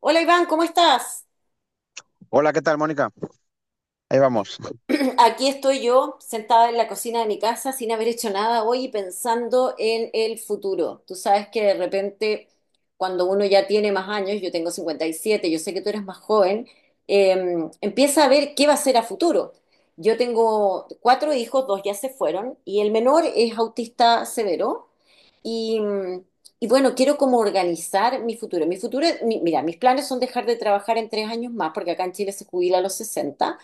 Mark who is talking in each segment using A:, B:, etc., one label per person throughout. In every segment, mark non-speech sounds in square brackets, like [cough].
A: Hola Iván, ¿cómo estás?
B: Hola, ¿qué tal, Mónica? Ahí
A: Yo-
B: vamos.
A: [clears throat] Aquí estoy yo, sentada en la cocina de mi casa sin haber hecho nada hoy y pensando en el futuro. Tú sabes que de repente, cuando uno ya tiene más años, yo tengo 57, yo sé que tú eres más joven, eh, empieza a ver qué va a ser a futuro. Yo tengo cuatro hijos, dos ya se fueron, y el menor es autista severo. Y, mm, y bueno, quiero como organizar mi futuro. Mi futuro, mira, mis planes son dejar de trabajar en 3 años más, porque acá en Chile se jubila a los 60.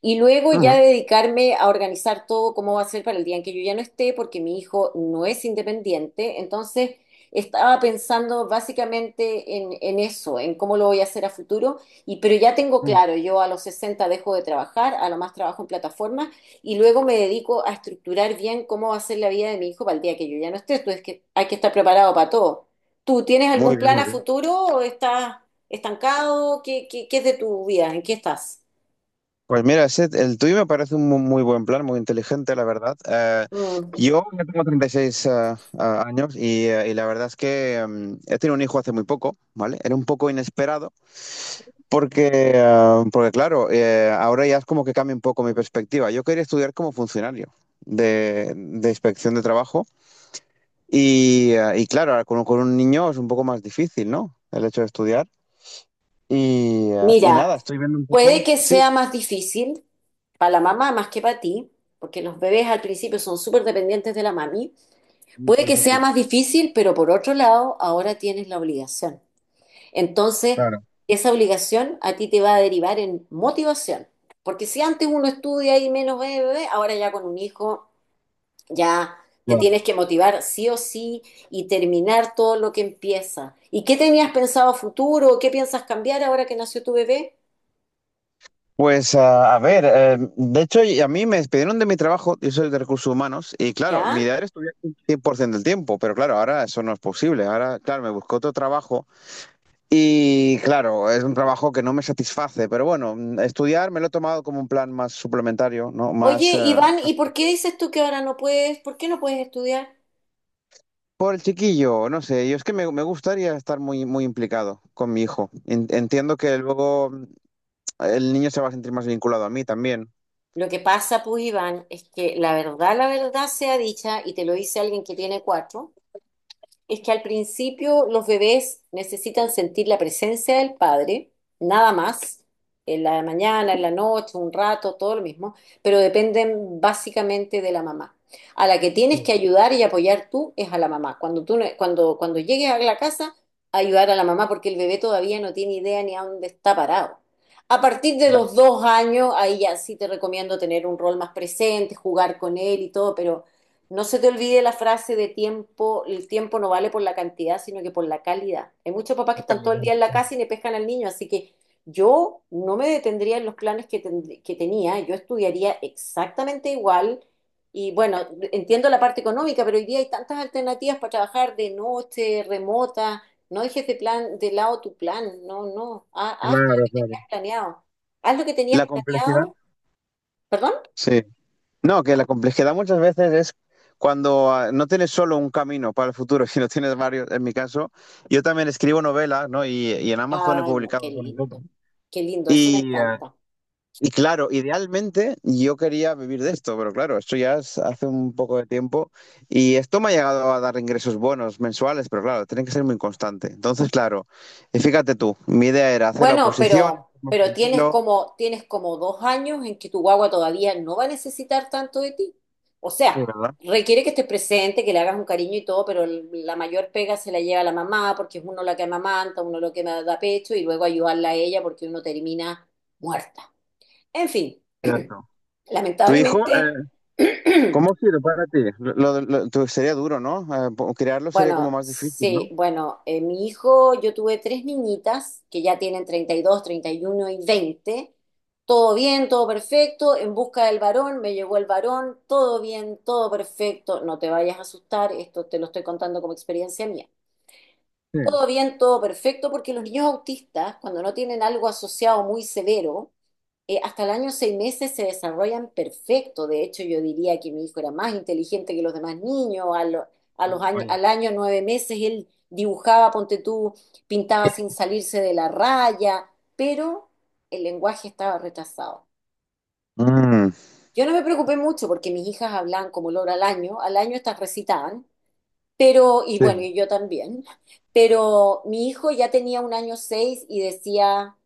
A: Y luego ya
B: Ajá.
A: dedicarme a organizar todo cómo va a ser para el día en que yo ya no esté, porque mi hijo no es independiente. Entonces, estaba pensando básicamente en eso, en cómo lo voy a hacer a futuro. Y, pero ya tengo
B: mm,
A: claro, yo a los 60 dejo de trabajar, a lo más trabajo en plataformas, y luego me dedico a estructurar bien cómo va a ser la vida de mi hijo para el día que yo ya no esté. Entonces, que hay que estar preparado para todo. ¿Tú tienes algún
B: Muy bien,
A: plan
B: muy
A: a
B: bien.
A: futuro o estás estancado? ¿Qué es de tu vida? ¿En qué estás?
B: Pues mira, el tuyo me parece un muy buen plan, muy inteligente, la verdad.
A: Mm.
B: Yo ya tengo 36 años y la verdad es que he tenido un hijo hace muy poco, ¿vale? Era un poco inesperado porque, porque claro, ahora ya es como que cambia un poco mi perspectiva. Yo quería estudiar como funcionario de inspección de trabajo y claro, ahora con un niño es un poco más difícil, ¿no? El hecho de estudiar. Y, y
A: Mira,
B: nada, estoy viendo un
A: puede
B: poco.
A: que sea
B: Sí,
A: más difícil para la mamá más que para ti, porque los bebés al principio son súper dependientes de la mami. Puede que
B: eso sí,
A: sea más difícil, pero por otro lado, ahora tienes la obligación. Entonces,
B: claro,
A: esa obligación a ti te va a derivar en motivación. Porque si antes uno estudia y menos bebé, bebé, ahora ya con un hijo ya te
B: claro.
A: tienes que motivar sí o sí y terminar todo lo que empieza. ¿Y qué tenías pensado a futuro? ¿Qué piensas cambiar ahora que nació tu bebé?
B: Pues a ver, de hecho y a mí me despidieron de mi trabajo, yo soy de recursos humanos, y claro, mi
A: ¿Ya?
B: idea era estudiar un 100% del tiempo, pero claro, ahora eso no es posible. Ahora, claro, me busco otro trabajo y claro, es un trabajo que no me satisface, pero bueno, estudiar me lo he tomado como un plan más suplementario, ¿no? Más
A: Oye, Iván, ¿y por qué dices tú que ahora no puedes? ¿Por qué no puedes estudiar?
B: por el chiquillo, no sé, yo es que me gustaría estar muy, muy implicado con mi hijo. Entiendo que luego el niño se va a sentir más vinculado a mí también.
A: Lo que pasa, pues, Iván, es que la verdad sea dicha, y te lo dice alguien que tiene cuatro, es que al principio los bebés necesitan sentir la presencia del padre, nada más, en la mañana, en la noche, un rato, todo lo mismo, pero dependen básicamente de la mamá. A la que tienes que ayudar y apoyar tú es a la mamá. Cuando tú, no- cuando, cuando llegues a la casa, ayudar a la mamá porque el bebé todavía no tiene idea ni a dónde está parado. A partir de
B: Claro,
A: los 2 años, ahí ya sí te recomiendo tener un rol más presente, jugar con él y todo, pero no se te olvide la frase de tiempo, el tiempo no vale por la cantidad, sino que por la calidad. Hay muchos papás que están todo el día en la casa y le pescan al niño, así que yo no me detendría en los planes que tenía, yo estudiaría exactamente igual. Y bueno, entiendo la parte económica, pero hoy día hay tantas alternativas para trabajar de noche, remota. No dejes de lado tu plan, no, no. Haz, lo
B: claro,
A: que
B: claro.
A: tenías planeado. Haz lo que tenías
B: La complejidad.
A: planeado. ¿Perdón?
B: Sí. No, que la complejidad muchas veces es cuando no tienes solo un camino para el futuro, [laughs] sino tienes varios. En mi caso, yo también escribo novelas, ¿no? Y en Amazon he
A: Ay, no,
B: publicado
A: qué
B: algunas otras.
A: lindo. Qué lindo, eso me
B: Y
A: encanta.
B: y claro, idealmente yo quería vivir de esto, pero claro, esto ya es hace un poco de tiempo y esto me ha llegado a dar ingresos buenos mensuales, pero claro, tiene que ser muy constante. Entonces, claro, y fíjate tú, mi idea era hacer la
A: Bueno,
B: oposición,
A: pero,
B: estar más
A: pero tienes
B: tranquilo,
A: como, tienes como dos años en que tu guagua todavía no va a necesitar tanto de ti. O
B: sí,
A: sea,
B: ¿verdad?
A: requiere que estés presente, que le hagas un cariño y todo, pero la mayor pega se la lleva la mamá, porque es uno la que amamanta, uno lo que da pecho, y luego ayudarla a ella porque uno termina muerta. En fin,
B: Cierto.
A: [clears throat]
B: Tu hijo,
A: lamentablemente, [clears throat]
B: ¿cómo ha sido para ti? Sería duro, ¿no? Crearlo sería como
A: Bueno,
B: más difícil,
A: sí,
B: ¿no?
A: bueno, mi hijo, yo tuve tres niñitas que ya tienen 32, 31 y 20. Todo bien, todo perfecto, en busca del varón, me llegó el varón, todo bien, todo perfecto, no te vayas a asustar, esto te lo estoy contando como experiencia mía.
B: Sí,
A: Todo bien, todo perfecto, porque los niños autistas, cuando no tienen algo asociado muy severo, hasta el año 6 meses se desarrollan perfecto. De hecho, yo diría que mi hijo era más inteligente que los demás niños. A
B: vaya,
A: los años,
B: vaya.
A: al año 9 meses él dibujaba, ponte tú, pintaba sin salirse de la raya, pero el lenguaje estaba retrasado.
B: Mm,
A: Yo no me preocupé mucho porque mis hijas hablaban como loro al año. Al año estas recitaban, pero, y
B: sí,
A: bueno, y yo también. [laughs] Pero mi hijo ya tenía un año seis y decía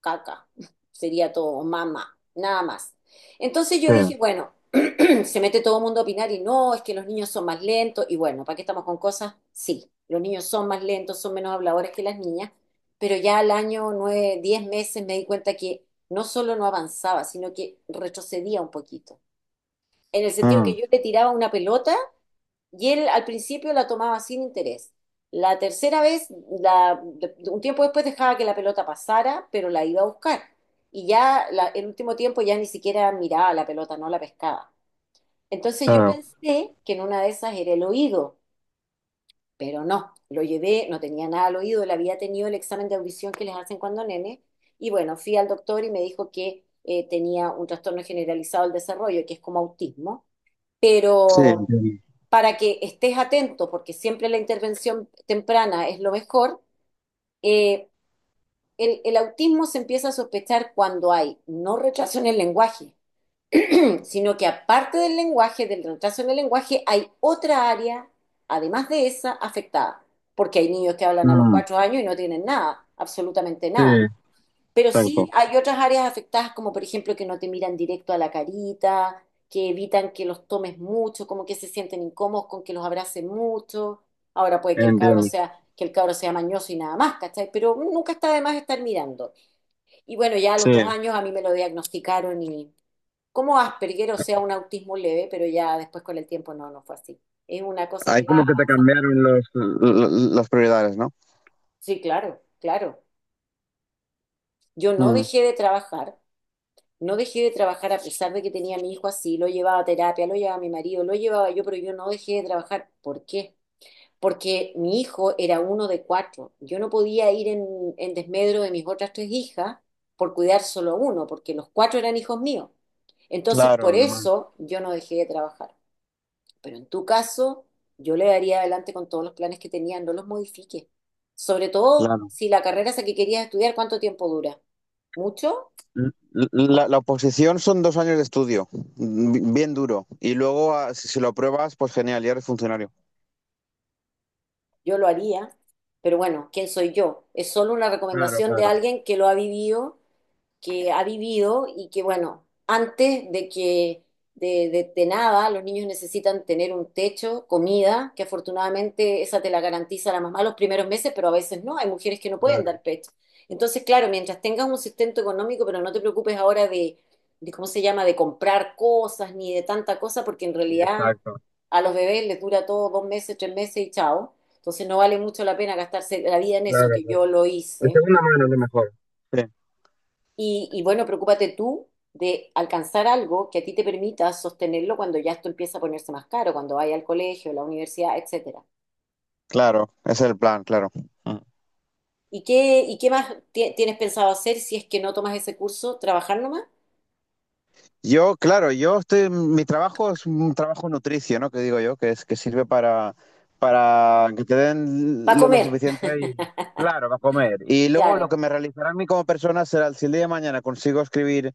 A: caca, sería todo, mamá, nada más. Entonces yo
B: sí,
A: dije, bueno, [clears throat] se mete todo el mundo a opinar y no, es que los niños son más lentos y bueno, ¿para qué estamos con cosas? Sí, los niños son más lentos, son menos habladores que las niñas, pero ya al año 9, 10 meses me di cuenta que no solo no avanzaba, sino que retrocedía un poquito. En el sentido
B: mm,
A: que yo le tiraba una pelota y él al principio la tomaba sin interés. La tercera vez, un tiempo después dejaba que la pelota pasara, pero la iba a buscar. Y ya el último tiempo ya ni siquiera miraba la pelota, no la pescaba. Entonces yo
B: claro.
A: pensé que en una de esas era el oído, pero no, lo llevé, no tenía nada al oído, le había tenido el examen de audición que les hacen cuando nene. Y bueno, fui al doctor y me dijo que tenía un trastorno generalizado del desarrollo, que es como autismo
B: Sí,
A: pero
B: entiendo.
A: para que estés atento, porque siempre la intervención temprana es lo mejor. Eh, el, el autismo se empieza a sospechar cuando hay no retraso en el lenguaje, sino que aparte del lenguaje, del retraso en el lenguaje, hay otra área, además de esa, afectada, porque hay niños que hablan a los
B: Mm,
A: 4 años y no tienen nada, absolutamente
B: sí,
A: nada. Pero sí
B: exacto.
A: hay otras áreas afectadas, como por ejemplo que no te miran directo a la carita, que evitan que los tomes mucho, como que se sienten incómodos con que los abracen mucho. Ahora puede que el cabro
B: Entiendo.
A: sea, que el cabro sea mañoso y nada más, ¿cachai? Pero nunca está de más estar mirando. Y bueno, ya a
B: Sí,
A: los 2 años a mí me lo diagnosticaron y como Asperger, o sea, un autismo leve, pero ya después con el tiempo no, no fue así. Es una cosa
B: ahí
A: que
B: como
A: va,
B: que te cambiaron las prioridades, ¿no?
A: sí, claro, claro. Yo no
B: Mm.
A: dejé de trabajar. No dejé de trabajar a pesar de que tenía a mi hijo así, lo llevaba a terapia, lo llevaba a mi marido, lo llevaba yo, pero yo no dejé de trabajar. ¿Por qué? Porque mi hijo era uno de cuatro. Yo no podía ir en desmedro de mis otras tres hijas por cuidar solo a uno, porque los cuatro eran hijos míos. Entonces,
B: Claro,
A: por
B: Alemán,
A: eso yo no dejé de trabajar. Pero en tu caso, yo le daría adelante con todos los planes que tenía, no los modifiques. Sobre todo
B: claro.
A: si la carrera esa que querías estudiar, ¿cuánto tiempo dura? ¿Mucho?
B: La oposición son 2 años de estudio, bien duro. Y luego, si, si lo apruebas, pues genial, ya eres funcionario.
A: Yo lo haría, pero bueno, ¿quién soy yo? Es solo una
B: Claro,
A: recomendación de
B: claro,
A: alguien que lo ha vivido, que ha vivido y que, bueno, antes de que de nada, los niños necesitan tener un techo, comida, que afortunadamente esa te la garantiza la mamá los primeros meses, pero a veces no, hay mujeres que no pueden
B: claro.
A: dar pecho. Entonces, claro, mientras tengas un sustento económico, pero no te preocupes ahora de ¿cómo se llama?, de comprar cosas ni de tanta cosa, porque en realidad
B: Exacto.
A: a los bebés les dura todo 2 meses, 3 meses y chao. Entonces no vale mucho la pena gastarse la vida en eso,
B: Claro,
A: que
B: claro.
A: yo lo
B: De
A: hice,
B: segunda
A: que yo
B: mano,
A: lo
B: a lo
A: hice.
B: mejor. Sí.
A: Y bueno, preocúpate tú de alcanzar algo que a ti te permita sostenerlo cuando ya esto empieza a ponerse más caro, cuando vaya al colegio, la universidad, etcétera.
B: Claro, ese es el plan, claro. Mm.
A: ¿Y qué más tienes pensado hacer si es que no tomas ese curso? ¿Trabajar nomás?
B: Yo, claro, yo estoy, mi trabajo es un trabajo nutricio, ¿no? Que digo yo, que es que sirve para que te
A: Para
B: den lo
A: comer.
B: suficiente
A: [laughs]
B: y, claro, para comer. Y luego lo
A: Claro.
B: que me realizará a mí como persona será si el día de mañana consigo escribir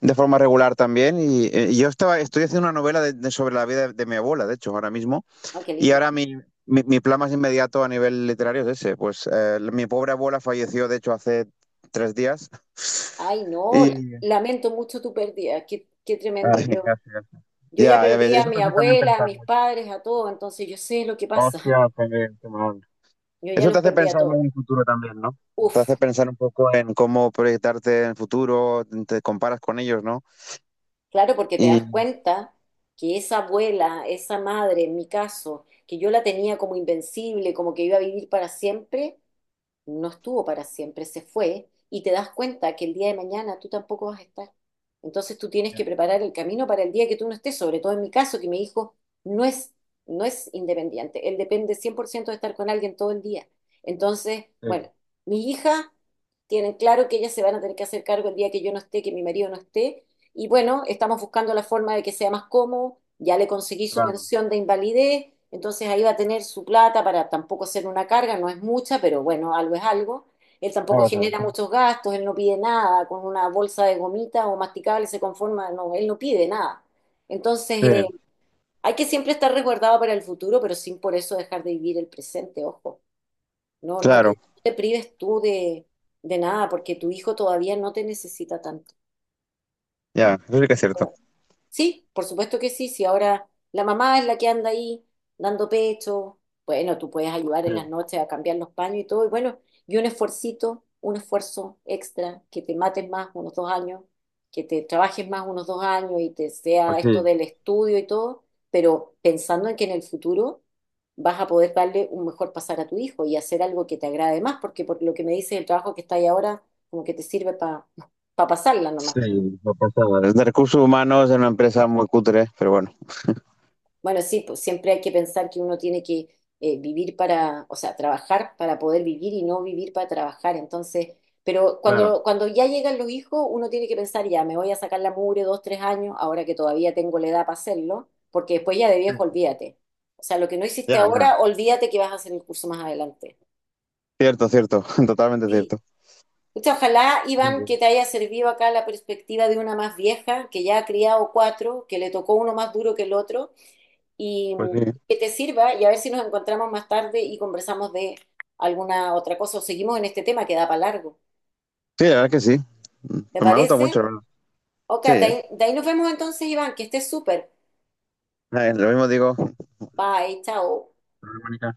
B: de forma regular también. Y, yo estaba, estoy haciendo una novela sobre la vida de mi abuela, de hecho, ahora mismo.
A: Ah, qué
B: Y
A: lindo.
B: ahora mi plan más inmediato a nivel literario es ese. Pues mi pobre abuela falleció, de hecho, hace 3 días. [laughs]
A: Ay, no,
B: Y,
A: lamento mucho tu pérdida. Qué tremendo.
B: ay,
A: Yo,
B: gracias.
A: yo ya
B: Ya, ya ves,
A: perdí a
B: eso
A: mi
B: te hace también
A: abuela, a
B: pensar
A: mis
B: mucho.
A: padres, a todo, entonces yo sé lo que pasa. [laughs]
B: Hostia, qué, qué mal.
A: Yo ya
B: Eso te
A: los
B: hace
A: perdí a
B: pensar
A: todos.
B: en el futuro también, ¿no? Te
A: Uf.
B: hace pensar un poco en cómo proyectarte en el futuro, te comparas con ellos, ¿no?
A: Claro, porque te
B: Y...
A: das cuenta que esa abuela, esa madre, en mi caso, que yo la tenía como invencible, como que iba a vivir para siempre, no estuvo para siempre, se fue, y te das cuenta que el día de mañana tú tampoco vas a estar. Entonces tú tienes que
B: Ya,
A: preparar el camino para el día que tú no estés, sobre todo en mi caso, que mi hijo no es, no es independiente, él depende 100% de estar con alguien todo el día. Entonces,
B: sí,
A: bueno, mi hija tienen claro que ellas se van a tener que hacer cargo el día que yo no esté, que mi marido no esté y bueno, estamos buscando la forma de que sea más cómodo. Ya le conseguí su
B: claro.
A: pensión de invalidez, entonces ahí va a tener su plata para tampoco ser una carga, no es mucha, pero bueno, algo es algo. Él tampoco
B: Vamos a ver,
A: genera
B: sí.
A: muchos gastos, él no pide nada, con una bolsa de gomita o masticable se conforma, no, él no pide nada. Entonces,
B: Sí,
A: hay que siempre estar resguardado para el futuro, pero sin por eso dejar de vivir el presente, ojo. No,
B: claro,
A: no te prives tú de nada, porque tu hijo todavía no te necesita tanto.
B: ya, eso sí que es cierto.
A: ¿No? Sí, por supuesto que sí. Si ahora la mamá es la que anda ahí dando pecho, bueno, tú puedes ayudar
B: Sí,
A: en las noches a cambiar los paños y todo. Y bueno, y un esfuercito, un esfuerzo extra, que te mates más unos 2 años, que te trabajes más unos 2 años y te sea
B: pues
A: esto
B: sí,
A: del estudio y todo, pero pensando en que en el futuro vas a poder darle un mejor pasar a tu hijo y hacer algo que te agrade más, porque por lo que me dices, el trabajo que está ahí ahora, como que te sirve para pasarla
B: sí,
A: nomás.
B: lo pasaba. Los de recursos humanos es una empresa muy cutre, pero bueno.
A: Bueno, sí, pues siempre hay que pensar que uno tiene que vivir para, o sea, trabajar para poder vivir y no vivir para trabajar. Entonces, pero
B: Claro,
A: cuando ya llegan los hijos, uno tiene que pensar, ya, me voy a sacar la mugre 2, 3 años, ahora que todavía tengo la edad para hacerlo, porque después ya de viejo,
B: sí.
A: olvídate. O sea, lo que no hiciste
B: Ya, ya.
A: ahora, olvídate que vas a hacer el curso más adelante.
B: Cierto, cierto, [laughs] totalmente
A: Sí.
B: cierto.
A: Pucha, ojalá,
B: Muy
A: Iván, que
B: bien,
A: te haya servido acá la perspectiva de una más vieja, que ya ha criado cuatro, que le tocó uno más duro que el otro y
B: pues sí.
A: que te sirva y a ver si nos encontramos más tarde y conversamos de alguna otra cosa o seguimos en este tema que da para largo.
B: Sí, la verdad es que sí.
A: ¿Te
B: Pues me ha gustado mucho,
A: parece?
B: la verdad.
A: Ok,
B: Sí,
A: de
B: ¿eh?
A: ahí, de ahí nos vemos entonces, Iván, que estés súper.
B: Lo mismo digo.
A: Bye, chao.
B: Problema